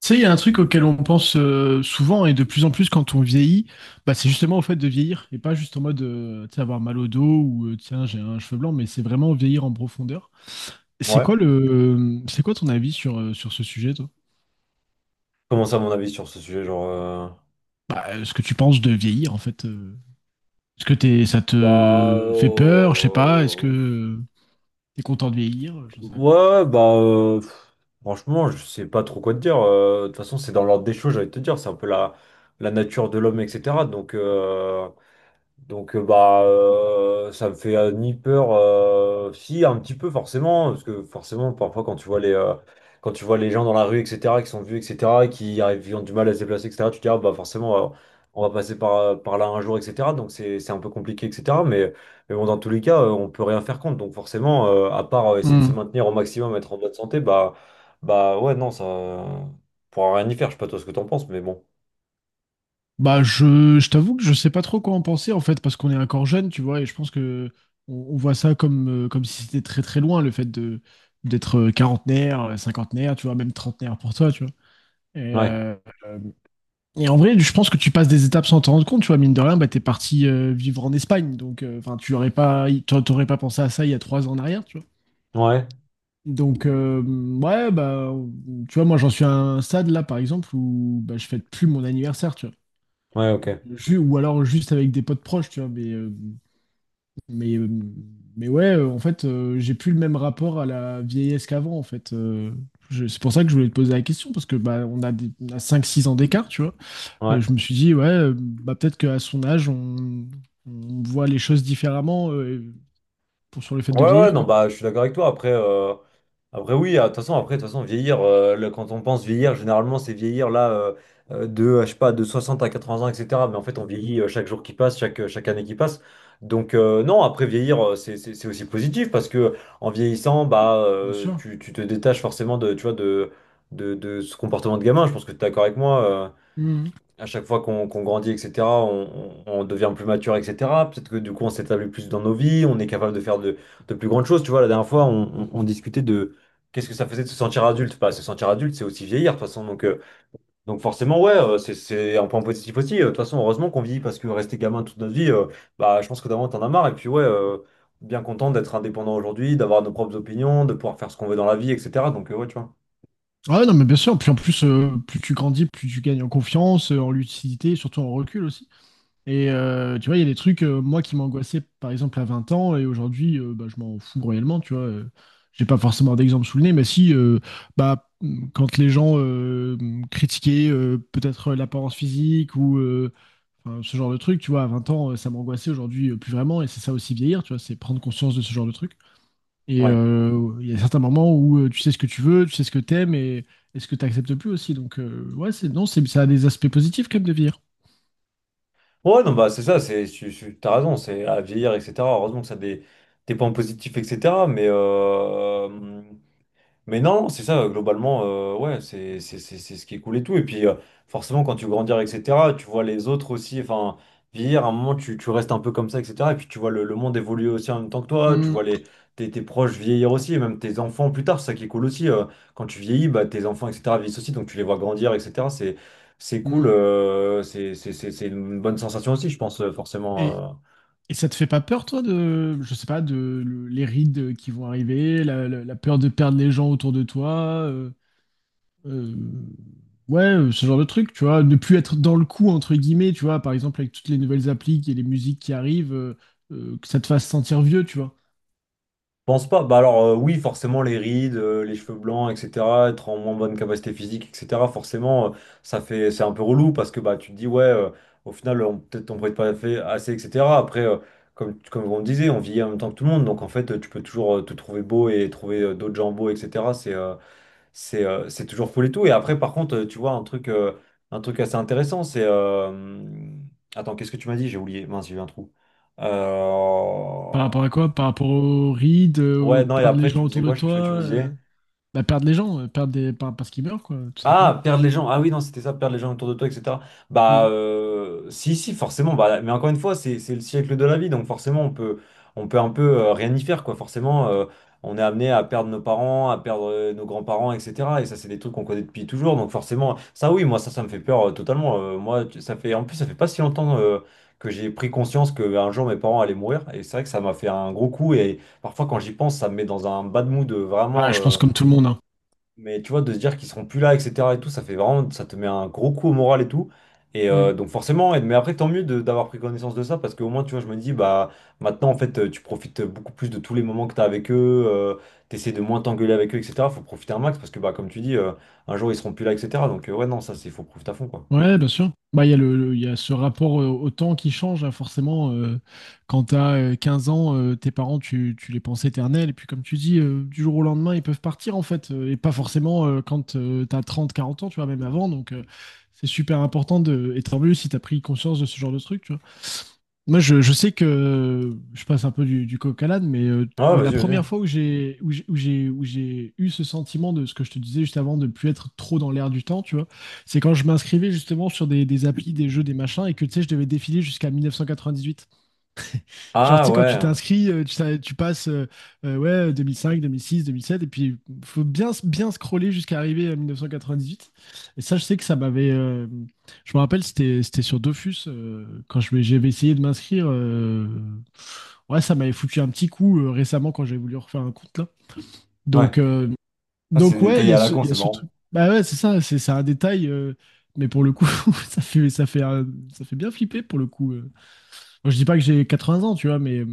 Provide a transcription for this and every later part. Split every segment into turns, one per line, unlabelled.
Tu sais, il y a un truc auquel on pense souvent et de plus en plus quand on vieillit, bah, c'est justement au fait de vieillir et pas juste en mode tu sais, avoir mal au dos ou tiens, j'ai un cheveu blanc, mais c'est vraiment vieillir en profondeur. C'est
Ouais.
quoi le, c'est quoi ton avis sur ce sujet, toi?
Comment ça, mon avis sur ce sujet? Genre,
Bah, ce que tu penses de vieillir, en fait. Est-ce que ça
bah,
te fait peur? Je sais pas. Est-ce que tu t'es content de vieillir? J'en sais
ouais, ouais, bah, franchement, je sais pas trop quoi te dire. De toute façon, c'est dans l'ordre des choses, j'allais te dire. C'est un peu la nature de l'homme, etc. Donc, bah, ça me fait ni peur si un petit peu, forcément, parce que forcément parfois quand tu vois les gens dans la rue, etc., qui sont vieux, etc., qui arrivent, qui ont du mal à se déplacer, etc., tu te dis, ah, bah forcément, on va passer par, par là un jour, etc. Donc c'est un peu compliqué, etc., mais bon, dans tous les cas, on peut rien faire contre. Donc forcément, à part essayer de se
rien.
maintenir au maximum, être en bonne santé. Bah ouais, non, ça on pourra rien y faire. Je sais pas toi ce que t'en penses, mais bon.
Bah, je t'avoue que je sais pas trop quoi en penser en fait, parce qu'on est encore jeune, tu vois, et je pense que on voit ça comme si c'était très très loin le fait de d'être quarantenaire, cinquantenaire, tu vois, même trentenaire pour toi, tu vois. Et,
Ouais.
euh, euh, et en vrai, je pense que tu passes des étapes sans t'en rendre compte, tu vois, mine de rien, bah, t'es parti vivre en Espagne, donc enfin, tu aurais pas, t'a- t'aurais pas pensé à ça il y a 3 ans en arrière, tu vois.
Ouais.
Donc, ouais, bah, tu vois, moi j'en suis à un stade là, par exemple, où bah, je fête plus mon anniversaire, tu vois.
Ouais, ok.
Ou alors juste avec des potes proches, tu vois, mais, euh, mais ouais, en fait, j'ai plus le même rapport à la vieillesse qu'avant, en fait. C'est pour ça que je voulais te poser la question, parce que bah, on a 5-6 ans d'écart, tu vois.
Ouais.
Je me suis dit, ouais, bah, peut-être qu'à son âge, on voit les choses différemment sur le fait
Ouais,
de
ouais,
vieillir,
non,
quoi.
bah, je suis d'accord avec toi. Après oui, ah, de toute façon, après, de toute façon, vieillir, là, quand on pense vieillir, généralement, c'est vieillir là, je sais pas, de 60 à 80 ans, etc. Mais en fait, on vieillit chaque jour qui passe, chaque année qui passe. Donc, non, après, vieillir, c'est c'est aussi positif parce que en vieillissant, bah,
Bien sûr.
tu te détaches forcément de, tu vois, de ce comportement de gamin. Je pense que tu es d'accord avec moi.
Mhm.
À chaque fois qu'on grandit, etc., on, on devient plus mature, etc. Peut-être que du coup, on s'établit plus dans nos vies, on est capable de faire de plus grandes choses. Tu vois, la dernière fois, on, on discutait de qu'est-ce que ça faisait de se sentir adulte. Pas se sentir adulte, c'est aussi vieillir, de toute façon. Donc forcément, ouais, c'est un point positif aussi. De toute façon, heureusement qu'on vieillit, parce que rester gamin toute notre vie, bah, je pense que d'avant, t'en as marre. Et puis, ouais, bien content d'être indépendant aujourd'hui, d'avoir nos propres opinions, de pouvoir faire ce qu'on veut dans la vie, etc. Donc, ouais, tu vois.
Ouais, non, mais bien sûr, puis en plus, plus tu grandis, plus tu gagnes en confiance, en lucidité, surtout en recul aussi. Et tu vois, il y a des trucs, moi, qui m'angoissaient, par exemple, à 20 ans, et aujourd'hui, bah, je m'en fous réellement, tu vois. J'ai pas forcément d'exemple sous le nez, mais si, bah, quand les gens critiquaient peut-être l'apparence physique ou enfin, ce genre de truc, tu vois, à 20 ans, ça m'angoissait, aujourd'hui plus vraiment, et c'est ça aussi vieillir, tu vois, c'est prendre conscience de ce genre de truc. Et
Ouais.
il y a certains moments où tu sais ce que tu veux, tu sais ce que t'aimes et ce que t'acceptes plus aussi. Donc, ouais, non, ça a des aspects positifs quand même de vieillir.
Ouais, non, bah, c'est ça, c'est, tu, t'as raison, c'est à vieillir, etc. Heureusement que ça a des points positifs, etc. Mais non, c'est ça, globalement, ouais, c'est c'est ce qui est cool et tout. Et puis, forcément, quand tu grandis, etc., tu vois les autres aussi, enfin, vieillir, à un moment, tu restes un peu comme ça, etc. Et puis, tu vois le monde évoluer aussi en même temps que toi, tu
Mm,
vois les, tes, tes proches vieillir aussi, et même tes enfants plus tard, c'est ça qui est cool aussi. Quand tu vieillis, bah, tes enfants, etc., vieillissent aussi, donc tu les vois grandir, etc. C'est cool,
mm.
c'est c'est une bonne sensation aussi, je pense,
Et,
forcément.
Et ça te fait pas peur, toi, de, je sais pas, de les rides qui vont arriver, la peur de perdre les gens autour de toi, euh, ouais, ce genre de truc, tu vois, ne plus être dans le coup entre guillemets, tu vois, par exemple avec toutes les nouvelles applis et les musiques qui arrivent, que ça te fasse sentir vieux, tu vois.
Pense pas. Bah alors oui, forcément les rides, les cheveux blancs, etc. Être en moins bonne capacité physique, etc. Forcément, ça fait, c'est un peu relou parce que bah tu te dis ouais, au final peut-être on pourrait pas fait assez, etc. Après, comme on disait, on vieillit en même temps que tout le monde. Donc en fait, tu peux toujours te trouver beau et trouver d'autres gens beaux, etc. C'est c'est toujours fou et tout. Et après par contre, tu vois un truc assez intéressant, c'est attends qu'est-ce que tu m'as dit? J'ai oublié. Mince, j'ai eu un trou. Euh,
Par rapport à quoi? Par rapport aux rides, au
Ouais, non, et
perdre les
après, tu
gens
me
autour
disais
de
quoi? Je sais plus
toi.
ce que tu me disais.
Bah, perdre les gens, parce qu'ils meurent, quoi, tout simplement.
Ah, perdre les gens. Ah oui, non, c'était ça, perdre les gens autour de toi, etc. Bah,
Mm.
si, forcément. Bah, mais encore une fois, c'est le siècle de la vie, donc forcément, on peut un peu rien y faire, quoi. Forcément, on est amené à perdre nos parents, à perdre nos grands-parents, etc. Et ça, c'est des trucs qu'on connaît depuis toujours, donc forcément, ça, oui, moi, ça me fait peur totalement. Moi, ça fait, en plus, ça fait pas si longtemps que j'ai pris conscience qu'un jour, mes parents allaient mourir, et c'est vrai que ça m'a fait un gros coup, et parfois, quand j'y pense, ça me met dans un bad mood
Ouais,
vraiment.
je pense comme tout le monde, hein.
Mais tu vois, de se dire qu'ils seront plus là, etc. et tout, ça fait vraiment, ça te met un gros coup au moral et tout. Et
Mm.
donc forcément, mais après, tant mieux d'avoir pris connaissance de ça, parce qu'au moins, tu vois, je me dis, bah, maintenant, en fait, tu profites beaucoup plus de tous les moments que tu as avec eux, tu essaies de moins t'engueuler avec eux, etc. Faut profiter un max, parce que, bah, comme tu dis, un jour, ils seront plus là, etc. Donc, ouais, non, ça, c'est, faut profiter à fond, quoi.
Ouais, bien sûr. Bah, il y a il y a ce rapport au temps qui change, hein, forcément. Quand t'as 15 ans, tes parents, tu les penses éternels. Et puis, comme tu dis, du jour au lendemain, ils peuvent partir, en fait. Et pas forcément quand t'as 30 40 ans, tu vois, même avant. Donc, c'est super important de... Et tant mieux si t'as pris conscience de ce genre de truc, tu vois. Moi, je sais que je passe un peu du coq à l'âne, mais
Ah, ouais,
la
vas-y, vas-y.
première fois où j'ai eu ce sentiment de ce que je te disais juste avant de plus être trop dans l'air du temps, tu vois, c'est quand je m'inscrivais justement sur des applis, des jeux, des machins, et que tu sais, je devais défiler jusqu'à 1998. Genre, tu
Ah,
sais, quand tu
ouais.
t'inscris, tu passes ouais, 2005, 2006, 2007, et puis faut bien, bien scroller jusqu'à arriver à 1998. Et ça, je sais que ça m'avait. Je me rappelle, c'était sur Dofus, quand j'avais essayé de m'inscrire. Ouais, ça m'avait foutu un petit coup récemment quand j'avais voulu refaire un compte, là.
Ouais.
Donc, euh,
Ah, c'est
donc ouais, il y
détaillé
a
à la
ce,
con,
il y a
c'est
ce truc.
marrant.
Bah ouais, c'est ça, c'est un détail. Mais pour le coup, ça fait, ça fait, un- ça fait bien flipper pour le coup. Moi, je dis pas que j'ai 80 ans, tu vois, mais.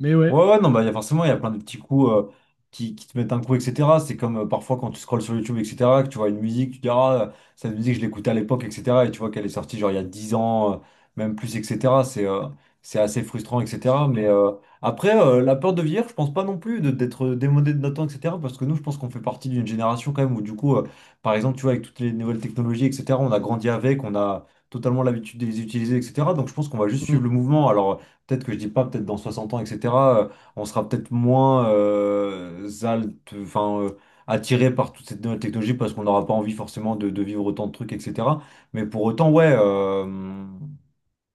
Mais ouais.
Ouais, ouais, non, bah, il y a forcément, il y a plein de petits coups qui te mettent un coup, etc. C'est comme parfois quand tu scrolles sur YouTube, etc., que tu vois une musique, tu te dis, ah, cette musique, je l'écoutais à l'époque, etc. Et tu vois qu'elle est sortie genre il y a 10 ans, même plus, etc. C'est assez frustrant, etc. Mais après, la peur de vieillir, je pense pas non plus d'être démodé de notre temps, etc. Parce que nous, je pense qu'on fait partie d'une génération quand même où, du coup, par exemple, tu vois, avec toutes les nouvelles technologies, etc., on a grandi avec, on a totalement l'habitude de les utiliser, etc. Donc, je pense qu'on va juste
Mmh.
suivre le mouvement. Alors, peut-être que je dis pas, peut-être dans 60 ans, etc., euh, on sera peut-être moins enfin, attiré par toutes cette nouvelle technologie parce qu'on n'aura pas envie forcément de vivre autant de trucs, etc. Mais pour autant, ouais.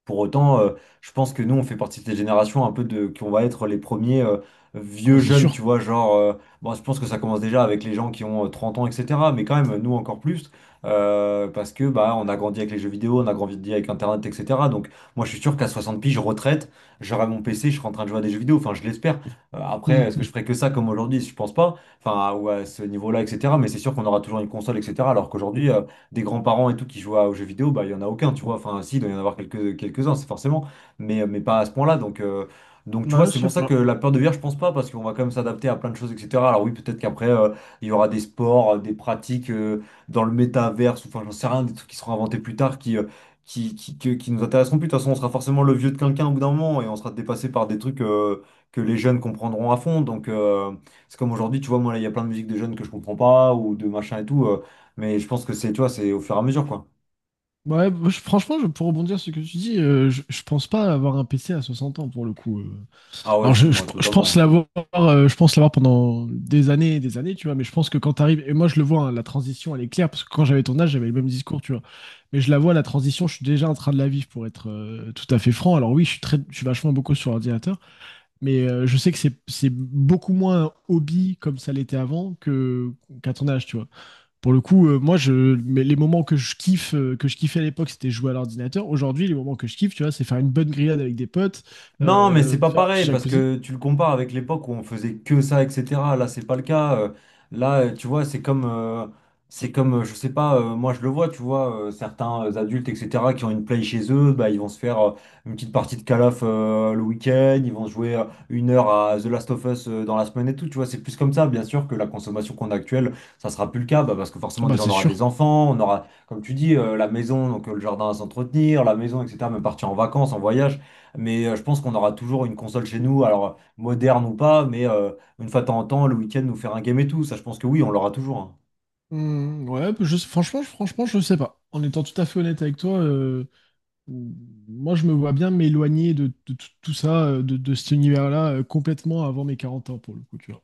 Pour autant, je pense que nous, on fait partie de cette génération un peu de, qu'on va être les premiers
Ah bah
vieux
c'est
jeunes, tu
sûr.
vois, genre, bon, je pense que ça commence déjà avec les gens qui ont 30 ans, etc. Mais quand même, nous encore plus, parce que bah, on a grandi avec les jeux vidéo, on a grandi avec Internet, etc. Donc, moi, je suis sûr qu'à 60 piges, je retraite, j'aurai mon PC, je serai en train de jouer à des jeux vidéo, enfin, je l'espère. Après, est-ce que je
Mmh,
ferai que ça comme aujourd'hui? Je pense pas, enfin, ou à ce niveau-là, etc. Mais c'est sûr qu'on aura toujours une console, etc. Alors qu'aujourd'hui, des grands-parents et tout qui jouent aux jeux vidéo, bah, il n'y en a aucun, tu vois. Enfin, si, il doit y en avoir quelques, quelques-uns, c'est forcément, mais pas à ce point-là. Donc,
mmh.
tu vois,
Ouais, je
c'est
sais
pour ça que
pas.
la peur de vieillir, je pense pas, parce qu'on va quand même s'adapter à plein de choses, etc. Alors, oui, peut-être qu'après, il y aura des sports, des pratiques dans le métaverse, ou enfin, j'en sais rien, des trucs qui seront inventés plus tard qui. Qui, qui nous intéresseront plus. De toute façon, on sera forcément le vieux de quelqu'un au bout d'un moment et on sera dépassé par des trucs que les jeunes comprendront à fond. Donc, c'est comme aujourd'hui, tu vois, moi, là, il y a plein de musique de jeunes que je comprends pas ou de machin et tout. Mais je pense que c'est, tu vois, c'est au fur et à mesure, quoi.
Ouais, moi, franchement, pour rebondir sur ce que tu dis, je pense pas avoir un PC à 60 ans pour le coup.
Ah ouais,
Alors
suis
je, je-
moi,
je pense
totalement.
l'avoir, je pense l'avoir pendant des années et des années, tu vois. Mais je pense que quand t'arrives, et moi je le vois, hein, la transition elle est claire parce que quand j'avais ton âge, j'avais le même discours, tu vois. Mais je la vois la transition, je suis déjà en train de la vivre pour être tout à fait franc. Alors oui, je suis vachement beaucoup sur ordinateur, mais je sais que c'est beaucoup moins un hobby comme ça l'était avant que qu'à ton âge, tu vois. Pour le coup, moi, mais les moments que je kiffais à l'époque, c'était jouer à l'ordinateur. Aujourd'hui, les moments que je kiffe, tu vois, c'est faire une bonne grillade avec des potes,
Non, mais c'est pas
faire un petit
pareil parce
jacuzzi.
que tu le compares avec l'époque où on faisait que ça, etc. Là, c'est pas le cas. Là, tu vois, c'est comme, je sais pas, moi je le vois, tu vois, certains adultes, etc., qui ont une play chez eux, bah, ils vont se faire une petite partie de calaf le week-end, ils vont jouer 1 heure à The Last of Us dans la semaine et tout, tu vois, c'est plus comme ça. Bien sûr que la consommation qu'on a actuelle, ça sera plus le cas, bah, parce que
Ah
forcément,
bah,
déjà, on
c'est
aura
sûr.
des enfants, on aura, comme tu dis, la maison, donc le jardin à s'entretenir, la maison, etc., même partir en vacances, en voyage. Mais je pense qu'on aura toujours une console chez nous, alors moderne ou pas, mais une fois de temps en temps, le week-end, nous faire un game et tout. Ça, je pense que oui, on l'aura toujours, hein.
Hmm, ouais, bah, franchement, je sais pas. En étant tout à fait honnête avec toi, moi, je me vois bien m'éloigner de, tout tout ça, de cet univers-là, complètement avant mes 40 ans, pour le coup, tu vois.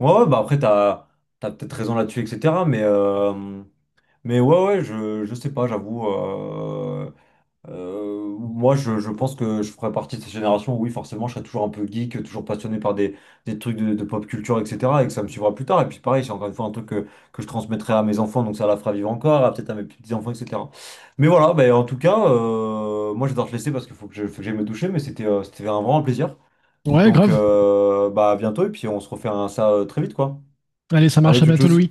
Ouais, ouais, bah après, t'as, t'as peut-être raison là-dessus, etc. Mais ouais, ouais, je sais pas, j'avoue. Euh, moi, je pense que je ferais partie de cette génération où, oui, forcément, je serais toujours un peu geek, toujours passionné par des trucs de pop culture, etc. Et que ça me suivra plus tard. Et puis, pareil, c'est encore une fois un truc que je transmettrai à mes enfants, donc ça la fera vivre encore, à peut-être à mes petits-enfants, etc. Mais voilà, bah, en tout cas, moi, je vais devoir te laisser parce qu'il faut que je, faut que j'aille me doucher, mais c'était c'était un vraiment plaisir.
Ouais,
Donc,
grave.
bah, à bientôt, et puis on se refait un, ça très vite, quoi.
Allez, ça
Allez,
marche. À
tchou
bientôt,
tchou
Louis.